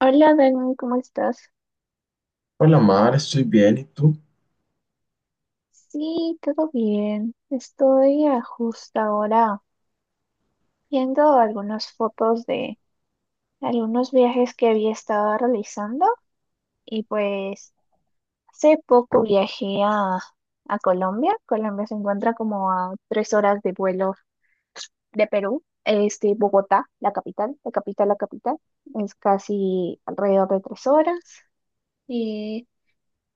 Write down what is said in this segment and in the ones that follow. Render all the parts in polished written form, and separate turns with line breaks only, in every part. Hola, Dani, ¿cómo estás?
Hola Mar, estoy bien, ¿y tú?
Sí, todo bien. Estoy a justo ahora viendo algunas fotos de algunos viajes que había estado realizando y pues hace poco viajé a Colombia. Colombia se encuentra como a 3 horas de vuelo de Perú. Bogotá, la capital, es casi alrededor de 3 horas. Y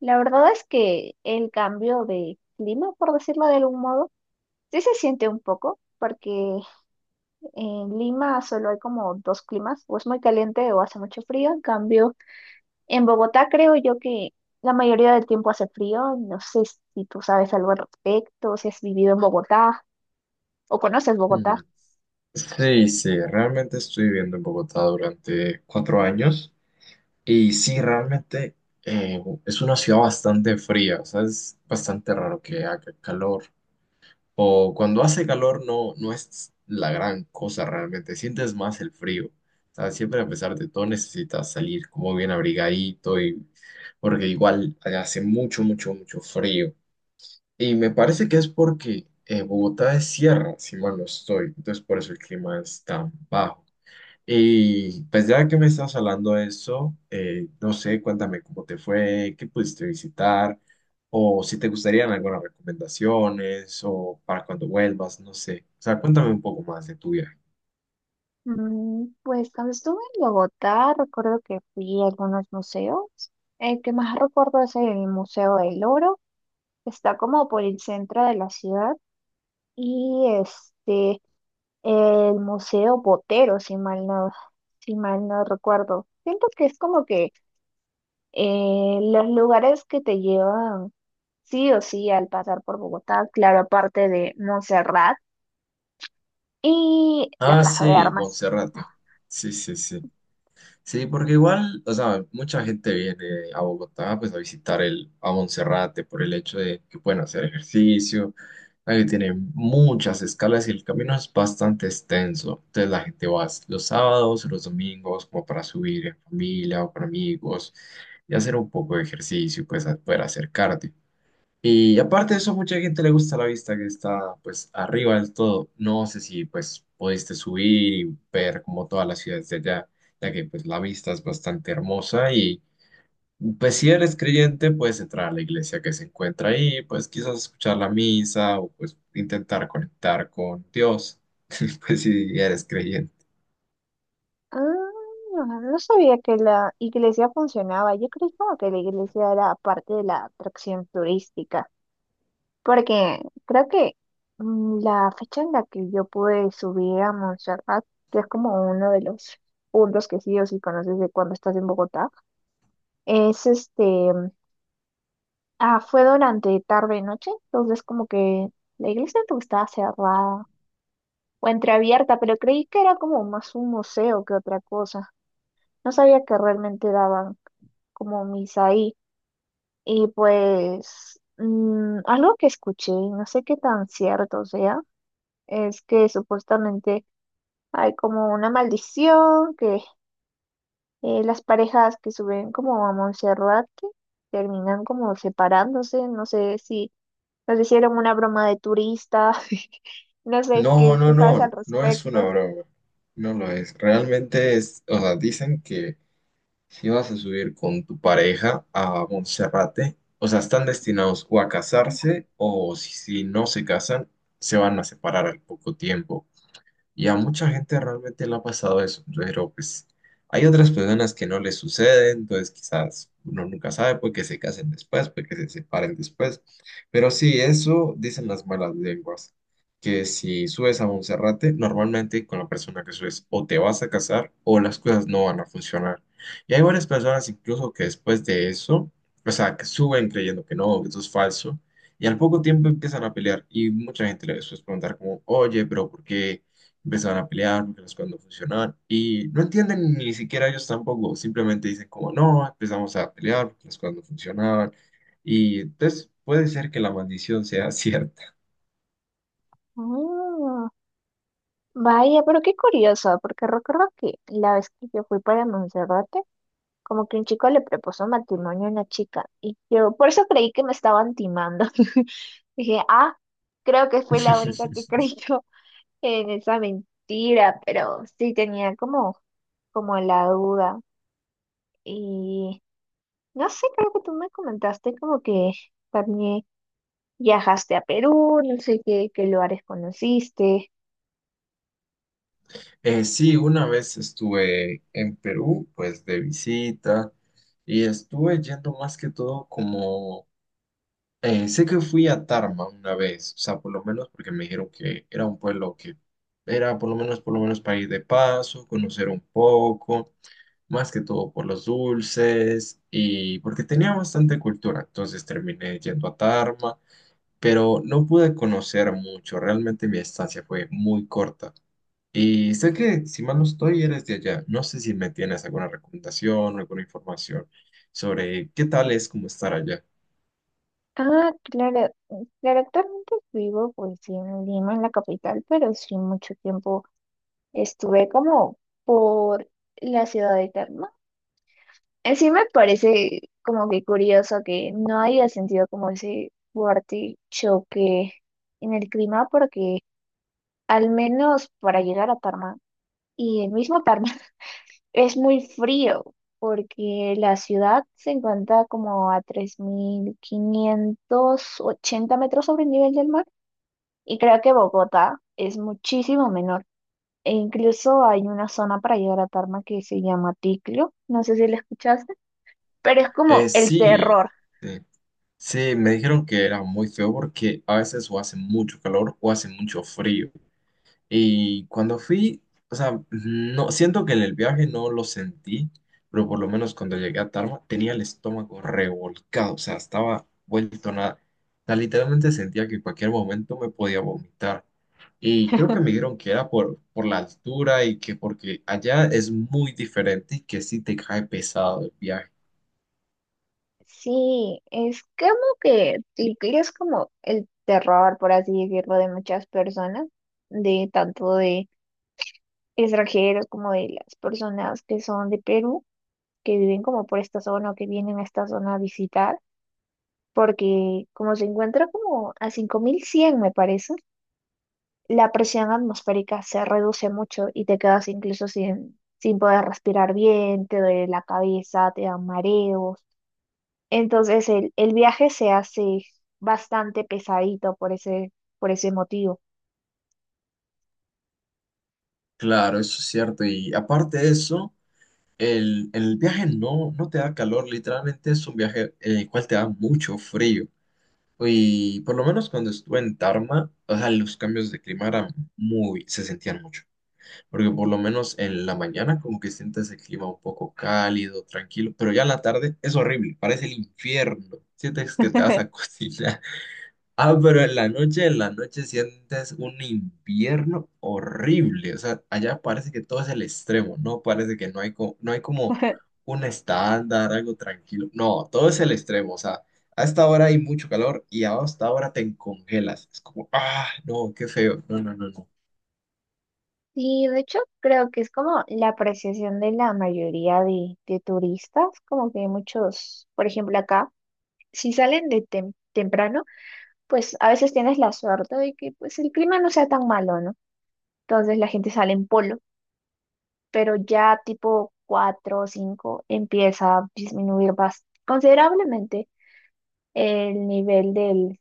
la verdad es que el cambio de clima, por decirlo de algún modo, sí se siente un poco, porque en Lima solo hay como dos climas, o es muy caliente o hace mucho frío. En cambio, en Bogotá creo yo que la mayoría del tiempo hace frío. No sé si tú sabes algo al respecto, si has vivido en Bogotá o conoces
Mm,
Bogotá.
Sí, sí, realmente estoy viviendo en Bogotá durante 4 años. Y sí, realmente es una ciudad bastante fría, o sea, es bastante raro que haga calor. O cuando hace calor no, no es la gran cosa realmente, sientes más el frío. O sea, siempre a pesar de todo necesitas salir como bien abrigadito y porque igual allá hace mucho, mucho, mucho frío. Y me parece que es porque Bogotá es sierra, si mal no estoy, entonces por eso el clima es tan bajo. Y pues ya que me estás hablando de eso, no sé, cuéntame cómo te fue, qué pudiste visitar, o si te gustarían algunas recomendaciones, o para cuando vuelvas, no sé. O sea, cuéntame un poco más de tu viaje.
Pues cuando estuve en Bogotá, recuerdo que fui a algunos museos. El que más recuerdo es el Museo del Oro, que está como por el centro de la ciudad. Y el Museo Botero, si mal no recuerdo. Siento que es como que los lugares que te llevan sí o sí al pasar por Bogotá, claro, aparte de Montserrat y la
Ah,
Plaza de
sí,
Armas.
Monserrate. Sí, sí, sí. Sí, porque igual, o sea, mucha gente viene a Bogotá pues a visitar a Monserrate por el hecho de que pueden hacer ejercicio, la que tiene muchas escalas y el camino es bastante extenso. Entonces la gente va los sábados, los domingos, como para subir en familia o con amigos y hacer un poco de ejercicio, pues a poder acercarte. Y aparte de eso, mucha gente le gusta la vista que está pues arriba del todo. No sé si pues pudiste subir y ver como todas las ciudades de allá, ya que pues la vista es bastante hermosa y pues si eres creyente puedes entrar a la iglesia que se encuentra ahí, pues quizás escuchar la misa o pues intentar conectar con Dios, pues si eres creyente.
Ah, no sabía que la iglesia funcionaba. Yo creí como que la iglesia era parte de la atracción turística. Porque creo que la fecha en la que yo pude subir a Montserrat, que es como uno de los puntos que sí o sí conoces de cuando estás en Bogotá, es este, fue durante tarde noche, entonces como que la iglesia como estaba cerrada o entreabierta, pero creí que era como más un museo que otra cosa. No sabía que realmente daban como misa ahí. Y pues algo que escuché, no sé qué tan cierto sea es que supuestamente hay como una maldición, que las parejas que suben como a Monserrate terminan como separándose, no sé si nos hicieron una broma de turista. No sé
No,
qué,
no,
qué sabes
no,
al
no es una
respecto.
broma, no lo es. Realmente es, o sea, dicen que si vas a subir con tu pareja a Monserrate, o sea, están destinados o a casarse o si, si no se casan, se van a separar al poco tiempo. Y a mucha gente realmente le ha pasado eso, pero pues hay otras personas que no les sucede, entonces quizás uno nunca sabe, puede que se casen después, puede que se separen después. Pero sí, eso dicen las malas lenguas, que si subes a Monserrate, normalmente con la persona que subes o te vas a casar o las cosas no van a funcionar. Y hay varias personas incluso que después de eso, o sea, que suben creyendo que no, que eso es falso, y al poco tiempo empiezan a pelear y mucha gente les suele preguntar como: oye, pero ¿por qué empezaban a pelear porque las cosas no funcionaban? Y no entienden ni siquiera ellos tampoco, simplemente dicen como no, empezamos a pelear porque las cosas no funcionaban y entonces puede ser que la maldición sea cierta.
Ah, vaya, pero qué curioso, porque recuerdo que la vez que yo fui para Monserrate, como que un chico le propuso matrimonio a una chica y yo por eso creí que me estaban timando. Dije, ah, creo que fue la única que creyó en esa mentira, pero sí tenía como la duda y no sé, creo que tú me comentaste como que también viajaste a Perú, no sé qué lugares conociste.
Sí, una vez estuve en Perú, pues de visita y estuve yendo más que todo como... sé que fui a Tarma una vez, o sea, por lo menos porque me dijeron que era un pueblo que era por lo menos para ir de paso, conocer un poco, más que todo por los dulces y porque tenía bastante cultura, entonces terminé yendo a Tarma, pero no pude conocer mucho, realmente mi estancia fue muy corta. Y sé que, si mal no estoy, eres de allá. No sé si me tienes alguna recomendación, alguna información sobre qué tal es como estar allá.
Ah, claro, claro, actualmente vivo pues sí en Lima, en la capital, pero sí mucho tiempo estuve como por la ciudad eterna. En sí me parece como que curioso que no haya sentido como ese fuerte choque en el clima porque al menos para llegar a Tarma y el mismo Tarma es muy frío porque la ciudad se encuentra como a 3580 metros sobre el nivel del mar y creo que Bogotá es muchísimo menor. E incluso hay una zona para llegar a Tarma que se llama Ticlio, no sé si la escuchaste, pero es como el
Sí,
terror.
sí, sí, me dijeron que era muy feo porque a veces o hace mucho calor o hace mucho frío. Y cuando fui, o sea, no, siento que en el viaje no lo sentí, pero por lo menos cuando llegué a Tarma tenía el estómago revolcado, o sea, estaba vuelto nada. O sea, literalmente sentía que en cualquier momento me podía vomitar. Y creo que me dijeron que era por la altura y que porque allá es muy diferente y que sí te cae pesado el viaje.
Sí, es como que Ticlio es como el terror, por así decirlo, de muchas personas, de tanto de extranjeros como de las personas que son de Perú, que viven como por esta zona o que vienen a esta zona a visitar, porque como se encuentra como a 5100 me parece. La presión atmosférica se reduce mucho y te quedas incluso sin poder respirar bien, te duele la cabeza, te dan mareos. Entonces el viaje se hace bastante pesadito por ese motivo.
Claro, eso es cierto. Y aparte de eso, el viaje no, no te da calor, literalmente es un viaje en el cual te da mucho frío. Y por lo menos cuando estuve en Tarma, o sea, los cambios de clima eran se sentían mucho, porque por lo menos en la mañana como que sientes el clima un poco cálido, tranquilo, pero ya en la tarde es horrible, parece el infierno, sientes que te vas a cocinar. Ah, pero en la noche sientes un invierno horrible. O sea, allá parece que todo es el extremo, ¿no? Parece que no hay como, no hay como un estándar, algo tranquilo. No, todo es el extremo. O sea, a esta hora hay mucho calor y a esta hora te congelas. Es como, ah, no, qué feo. No, no, no, no.
Y de hecho creo que es como la apreciación de la mayoría de turistas, como que muchos, por ejemplo acá, si salen de temprano, pues a veces tienes la suerte de que pues el clima no sea tan malo, ¿no? Entonces la gente sale en polo, pero ya tipo 4 o 5 empieza a disminuir considerablemente el nivel del,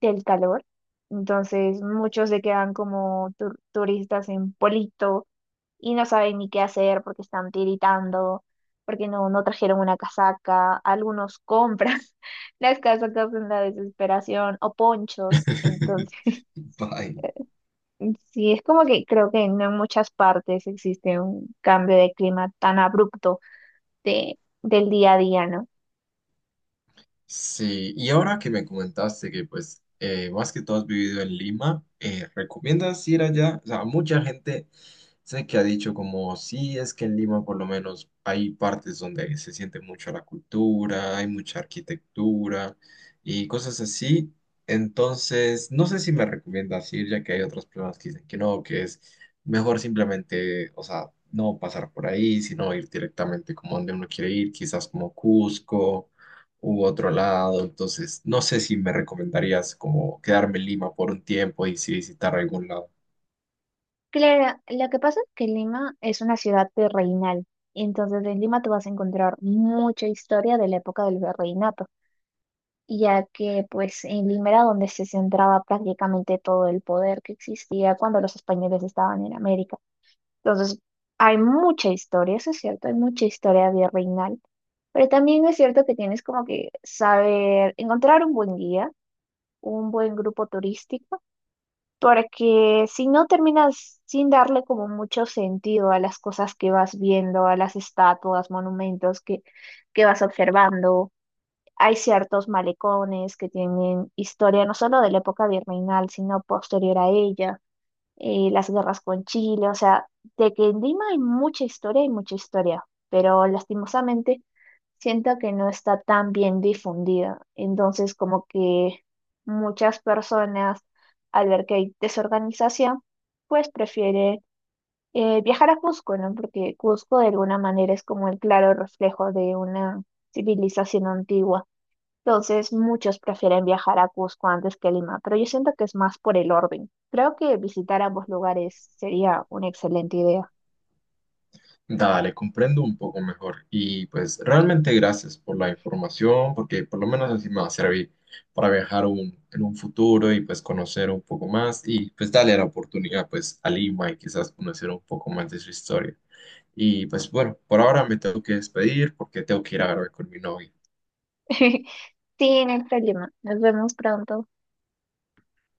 del calor. Entonces muchos se quedan como turistas en Polito y no saben ni qué hacer porque están tiritando, porque no, no trajeron una casaca. Algunos compran las casacas en la desesperación o ponchos. Entonces,
Bye.
sí, es como que creo que no en muchas partes existe un cambio de clima tan abrupto del día a día, ¿no?
Sí, y ahora que me comentaste que pues más que todo has vivido en Lima, ¿recomiendas ir allá? O sea, mucha gente sé que ha dicho como sí, es que en Lima por lo menos hay partes donde se siente mucho la cultura, hay mucha arquitectura y cosas así. Entonces, no sé si me recomiendas ir, ya que hay otras personas que dicen que no, que es mejor simplemente, o sea, no pasar por ahí, sino ir directamente como donde uno quiere ir, quizás como Cusco u otro lado. Entonces, no sé si me recomendarías como quedarme en Lima por un tiempo y si visitar algún lado.
Claro, lo que pasa es que Lima es una ciudad virreinal, y entonces en Lima tú vas a encontrar mucha historia de la época del virreinato, ya que pues en Lima era donde se centraba prácticamente todo el poder que existía cuando los españoles estaban en América. Entonces hay mucha historia, eso es cierto, hay mucha historia virreinal, pero también es cierto que tienes como que saber encontrar un buen guía, un buen grupo turístico. Porque si no, terminas sin darle como mucho sentido a las cosas que vas viendo, a las estatuas, monumentos que vas observando. Hay ciertos malecones que tienen historia no solo de la época virreinal, sino posterior a ella, las guerras con Chile. O sea, de que en Lima hay mucha historia, pero lastimosamente siento que no está tan bien difundida. Entonces, como que muchas personas, al ver que hay desorganización, pues prefieren viajar a Cusco, ¿no? Porque Cusco de alguna manera es como el claro reflejo de una civilización antigua. Entonces, muchos prefieren viajar a Cusco antes que a Lima, pero yo siento que es más por el orden. Creo que visitar ambos lugares sería una excelente idea.
Dale, comprendo un poco mejor. Y pues realmente gracias por la información, porque por lo menos así me va a servir para viajar en un futuro y pues conocer un poco más y pues darle la oportunidad pues a Lima y quizás conocer un poco más de su historia. Y pues bueno, por ahora me tengo que despedir porque tengo que ir a grabar con mi novia.
Sí, en hay Lima. Nos vemos pronto.